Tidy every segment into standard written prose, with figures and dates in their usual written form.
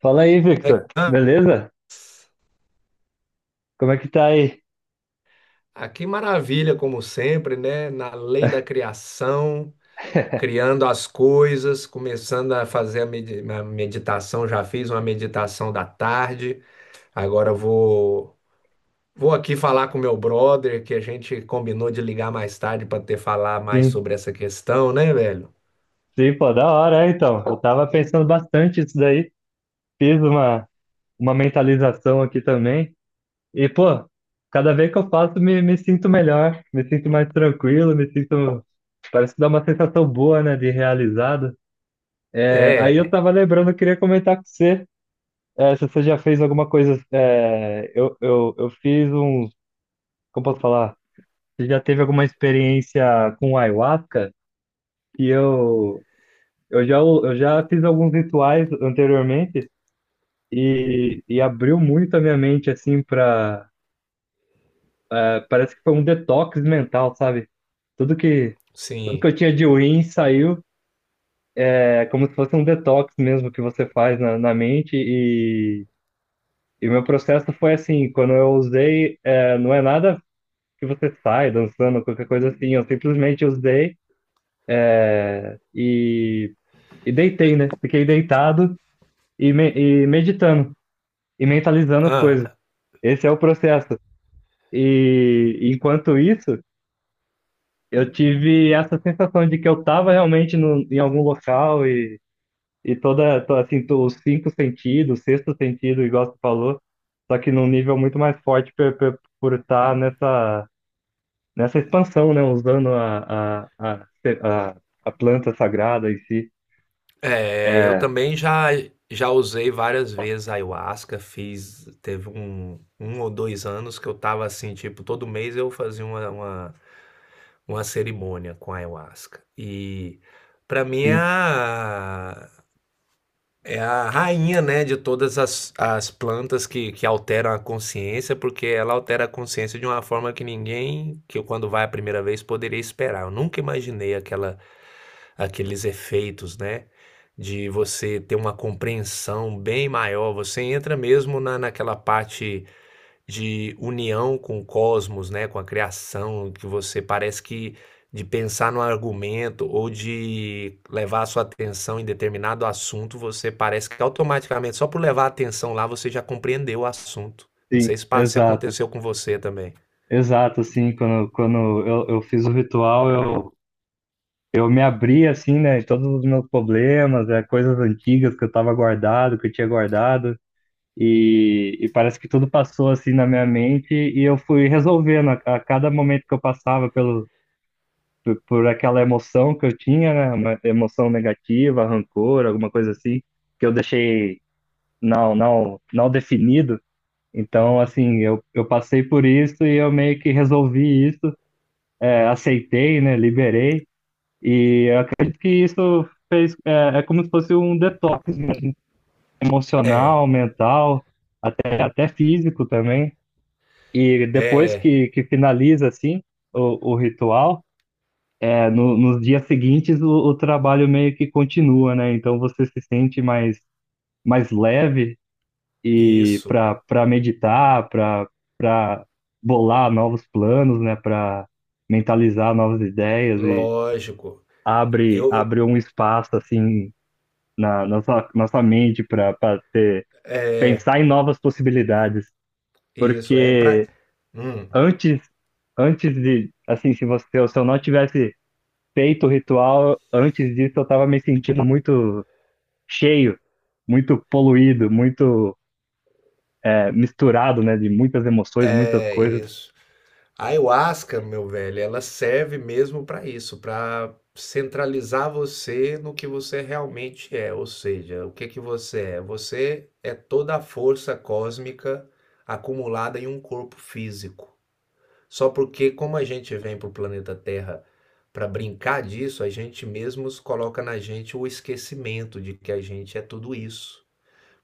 Fala aí, Victor. Beleza? Como é que tá aí? Ah, que maravilha, como sempre, né? Na lei da criação, criando as coisas, começando a fazer a meditação. Já fiz uma meditação da tarde. Agora eu vou aqui falar com meu brother, que a gente combinou de ligar mais tarde para ter falar mais Sim, sobre essa questão, né, velho? sim, pô, da hora, então. Eu tava pensando bastante isso daí. Fiz uma, uma mentalização aqui também. E, pô, cada vez que eu faço, me sinto melhor, me sinto mais tranquilo, me sinto. Parece que dá uma sensação boa, né, de realizado. É, aí eu É, tava lembrando, eu queria comentar com você, é, se você já fez alguma coisa. Eu fiz um. Como posso falar? Você já teve alguma experiência com ayahuasca? que eu, eu já, eu já fiz alguns rituais anteriormente e abriu muito a minha mente, assim, pra. Parece que foi um detox mental, sabe? Tudo que, tudo que sim. eu tinha de ruim saiu. É como se fosse um detox mesmo que você faz na mente. E meu processo foi assim: quando eu usei, é, não é nada que você sai dançando, qualquer coisa assim. Eu simplesmente usei e, e deitei, né? Fiquei deitado e meditando e mentalizando as Ah. coisas. Esse é o processo. E enquanto isso, eu tive essa sensação de que eu estava realmente no, em algum local e toda, to- assim, to- os cinco sentidos, o sexto sentido, igual você falou, só que num nível muito mais forte por estar nessa expansão, né? Usando a, a planta sagrada em si. É, eu É, também já usei várias vezes a ayahuasca, fiz teve um ou 2 anos que eu tava assim, tipo, todo mês eu fazia uma cerimônia com a ayahuasca. E pra mim é sim, a é a rainha, né, de todas as plantas que alteram a consciência, porque ela altera a consciência de uma forma que ninguém que eu quando vai a primeira vez poderia esperar. Eu nunca imaginei aquela Aqueles efeitos, né, de você ter uma compreensão bem maior, você entra mesmo na naquela parte de união com o cosmos, né, com a criação, que você parece que de pensar no argumento ou de levar a sua atenção em determinado assunto, você parece que automaticamente, só por levar a atenção lá, você já compreendeu o assunto. Não sim, sei se se exato. aconteceu com você também. Exato, sim. Quando eu fiz o ritual, Eu me abri assim, né, em todos os meus problemas, é, coisas antigas que eu tava guardado, que eu tinha guardado, e parece que tudo passou assim na minha mente e eu fui resolvendo a cada momento que eu passava por aquela emoção que eu tinha, né, uma emoção negativa, rancor, alguma coisa assim, que eu deixei não definido. Então, assim, eu passei por isso e eu meio que resolvi isso, é, aceitei, né, liberei. E eu acredito que isso fez, é como se fosse um detox É, emocional, mental, até físico também. E depois é, que finaliza assim o ritual, é, no, nos dias seguintes o trabalho meio que continua, né? Então você se sente mais leve e isso, para meditar, para bolar novos planos, né? Para mentalizar novas ideias e lógico. Eu, abre um espaço assim na, nossa nossa mente para ter pensar em novas possibilidades, Isso, é pra. porque Hum, antes antes de assim, se eu não tivesse feito o ritual, antes disso eu tava me sentindo muito cheio, muito poluído, muito é, misturado, né, de muitas emoções, muitas é coisas. isso. A ayahuasca, meu velho, ela serve mesmo para isso, para centralizar você no que você realmente é, ou seja, o que que você é? Você é toda a força cósmica acumulada em um corpo físico. Só porque como a gente vem para o planeta Terra para brincar disso, a gente mesmos coloca na gente o esquecimento de que a gente é tudo isso.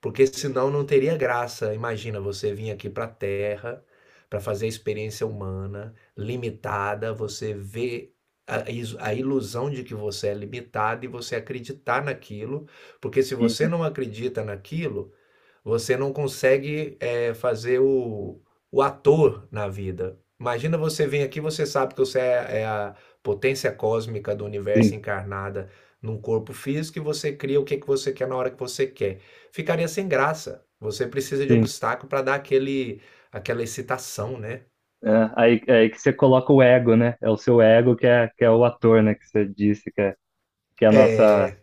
Porque senão não teria graça. Imagina você vir aqui para a Terra para fazer a experiência humana limitada, você vê a ilusão de que você é limitado e você acreditar naquilo, porque se você Uhum. não acredita naquilo, você não consegue fazer o ator na vida. Imagina você vir aqui, você sabe que você é, é a potência cósmica do Sim, universo encarnada num corpo físico e você cria o que que você quer na hora que você quer. Ficaria sem graça. Você precisa de sim. obstáculo para dar aquele, aquela excitação, né? É, é aí que você coloca o ego, né? É o seu ego que é o ator, né? Que você disse que é a nossa.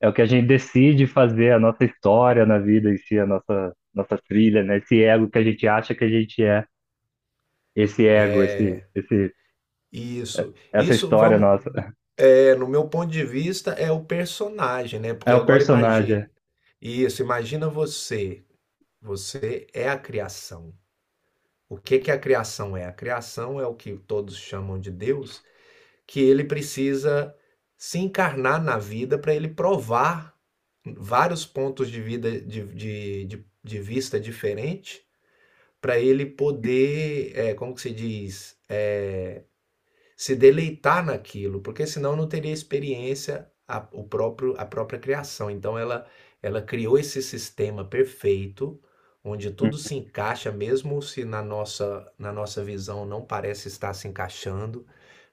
É o que a gente decide fazer, a nossa história na vida em si, nossa trilha, né? Esse ego que a gente acha que a gente é, esse ego, esse, Isso. essa história nossa. É, no meu ponto de vista, é o personagem, né? Porque É o agora personagem. É. imagina. Isso, imagina você. Você é a criação. O que que a criação é? A criação é o que todos chamam de Deus, que ele precisa se encarnar na vida para ele provar vários pontos de vida de vista diferente, para ele poder, é, como que se diz, é, se deleitar naquilo, porque senão não teria experiência a, o próprio, a própria criação. Ela criou esse sistema perfeito, onde Hum. tudo se encaixa, mesmo se na nossa visão não parece estar se encaixando,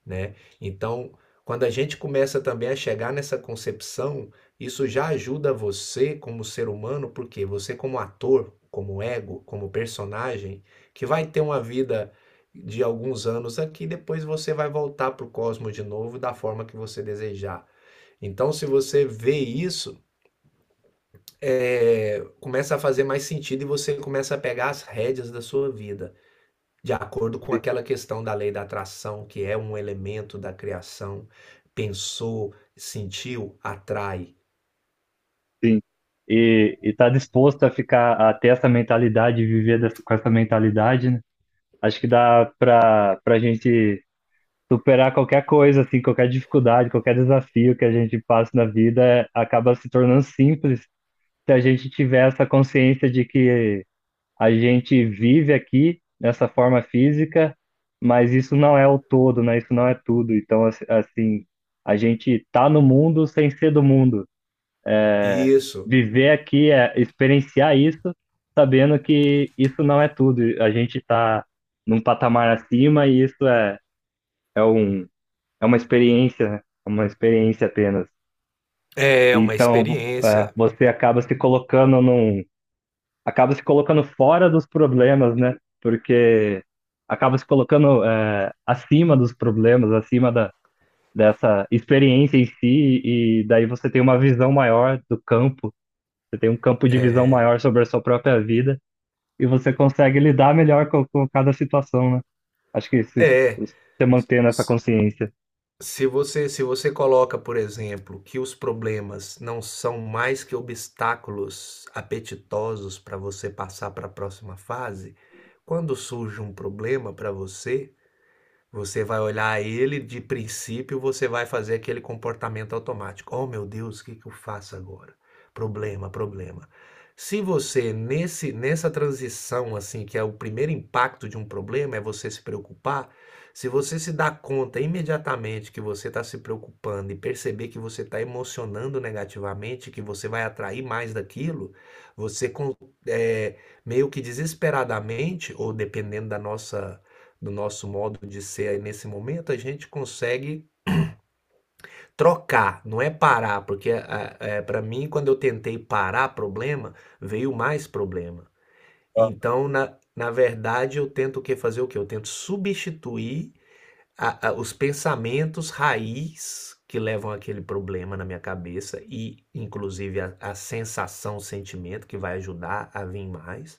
né? Então, quando a gente começa também a chegar nessa concepção, isso já ajuda você como ser humano, porque você como ator, como ego, como personagem, que vai ter uma vida de alguns anos aqui, depois você vai voltar para o cosmos de novo da forma que você desejar. Então, se você vê isso, é, começa a fazer mais sentido e você começa a pegar as rédeas da sua vida de acordo com Sim. aquela questão da lei da atração, que é um elemento da criação, pensou, sentiu, atrai. Sim. E tá disposto a ficar, a ter essa mentalidade, e viver dessa, com essa mentalidade, né? Acho que dá pra gente superar qualquer coisa, assim, qualquer dificuldade, qualquer desafio que a gente passa na vida, é- acaba se tornando simples se a gente tiver essa consciência de que a gente vive aqui nessa forma física, mas isso não é o todo, né? Isso não é tudo. Então, assim, a gente tá no mundo sem ser do mundo. Isso Viver aqui é experienciar isso, sabendo que isso não é tudo. A gente tá num patamar acima e isso é, é um, é uma experiência, né? É uma experiência apenas. é uma Então, experiência. você acaba se colocando num. Acaba se colocando fora dos problemas, né? Porque acaba se colocando é, acima dos problemas, dessa experiência em si, e daí você tem uma visão maior do campo, você tem um campo de visão maior sobre a sua própria vida, e você consegue lidar melhor com cada situação, né? Acho que se É, você mantendo essa consciência. Se você coloca, por exemplo, que os problemas não são mais que obstáculos apetitosos para você passar para a próxima fase, quando surge um problema para você, você vai olhar ele, de princípio, você vai fazer aquele comportamento automático. Oh, meu Deus, o que que eu faço agora? Problema, problema. Se você, nessa transição, assim, que é o primeiro impacto de um problema, é você se preocupar, se você se dá conta imediatamente que você está se preocupando e perceber que você está emocionando negativamente, que você vai atrair mais daquilo, você é, meio que desesperadamente, ou dependendo da nossa do nosso modo de ser aí nesse momento, a gente consegue trocar, não é parar, porque é, para mim, quando eu tentei parar problema, veio mais problema. Ah, Então, na verdade, eu tento o que fazer o que? Eu tento substituir os pensamentos raiz que levam aquele problema na minha cabeça e, inclusive, a sensação, o sentimento que vai ajudar a vir mais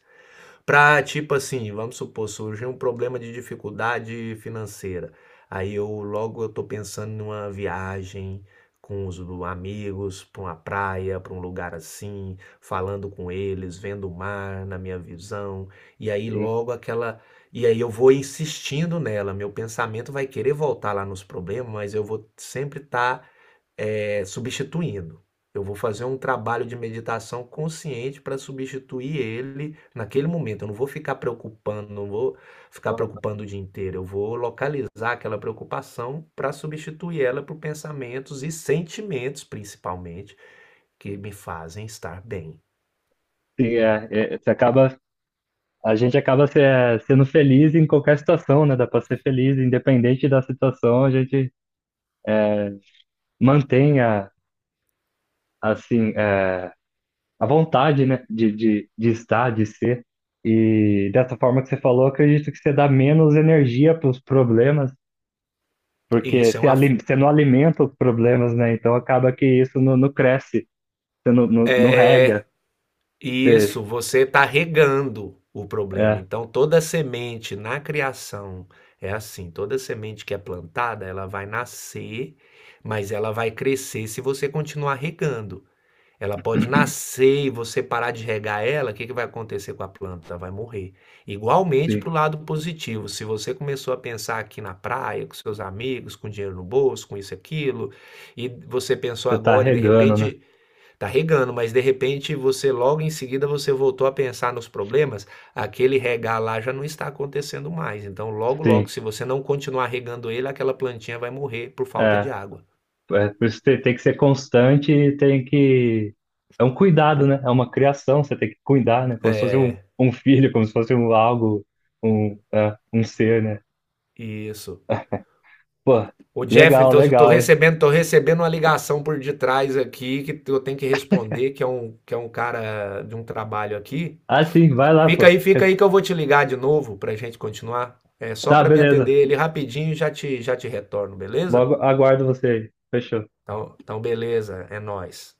para tipo assim, vamos supor, surgiu um problema de dificuldade financeira. Aí eu logo eu tô pensando numa viagem com amigos, para uma praia, para um lugar assim, falando com eles, vendo o mar na minha visão. E aí sim. logo aquela. E aí eu vou insistindo nela, meu pensamento vai querer voltar lá nos problemas, mas eu vou sempre estar substituindo. Eu vou fazer um trabalho de meditação consciente para substituir ele naquele momento. Eu não vou ficar preocupando, não vou ficar Ah, preocupando o dia inteiro. Eu vou localizar aquela preocupação para substituir ela por pensamentos e sentimentos, principalmente, que me fazem estar bem. sim, é, você acaba, a gente acaba é, sendo feliz em qualquer situação, né? Dá para ser feliz, independente da situação, a gente mantenha assim é, a vontade, né, de estar, de ser. E dessa forma que você falou, acredito que você dá menos energia para os problemas, E porque isso é você, uma, você não alimenta os problemas, né? Então acaba que isso não cresce, você não é, rega. Você, Isso, você está regando o problema. é, Então, toda semente na criação é assim: toda semente que é plantada, ela vai nascer, mas ela vai crescer se você continuar regando. Ela pode nascer e você parar de regar ela, o que que vai acontecer com a planta? Ela vai morrer. Igualmente para o sim, lado positivo, se você começou a pensar aqui na praia, com seus amigos, com dinheiro no bolso, com isso e aquilo, e você pensou você está agora e de regando, né? repente tá regando, mas de repente você logo em seguida você voltou a pensar nos problemas, aquele regar lá já não está acontecendo mais. Então logo logo Sim. se você não continuar regando ele, aquela plantinha vai morrer por falta de É. água. É, por isso tem, tem que ser constante e tem que. É um cuidado, né? É uma criação, você tem que cuidar, né? Como se fosse um, É, um filho, como se fosse um algo, um, é, um ser, né? isso. Pô, O Jeff, legal, então legal, é. Tô recebendo uma ligação por detrás aqui que eu tenho que responder, que é que é um cara de um trabalho aqui. Ah, sim, vai lá, pô. Fica aí que eu vou te ligar de novo pra gente continuar. É só Tá, para me atender beleza. ele rapidinho, e já te retorno, beleza? Logo aguardo você aí. Fechou. Então, então beleza, é nós.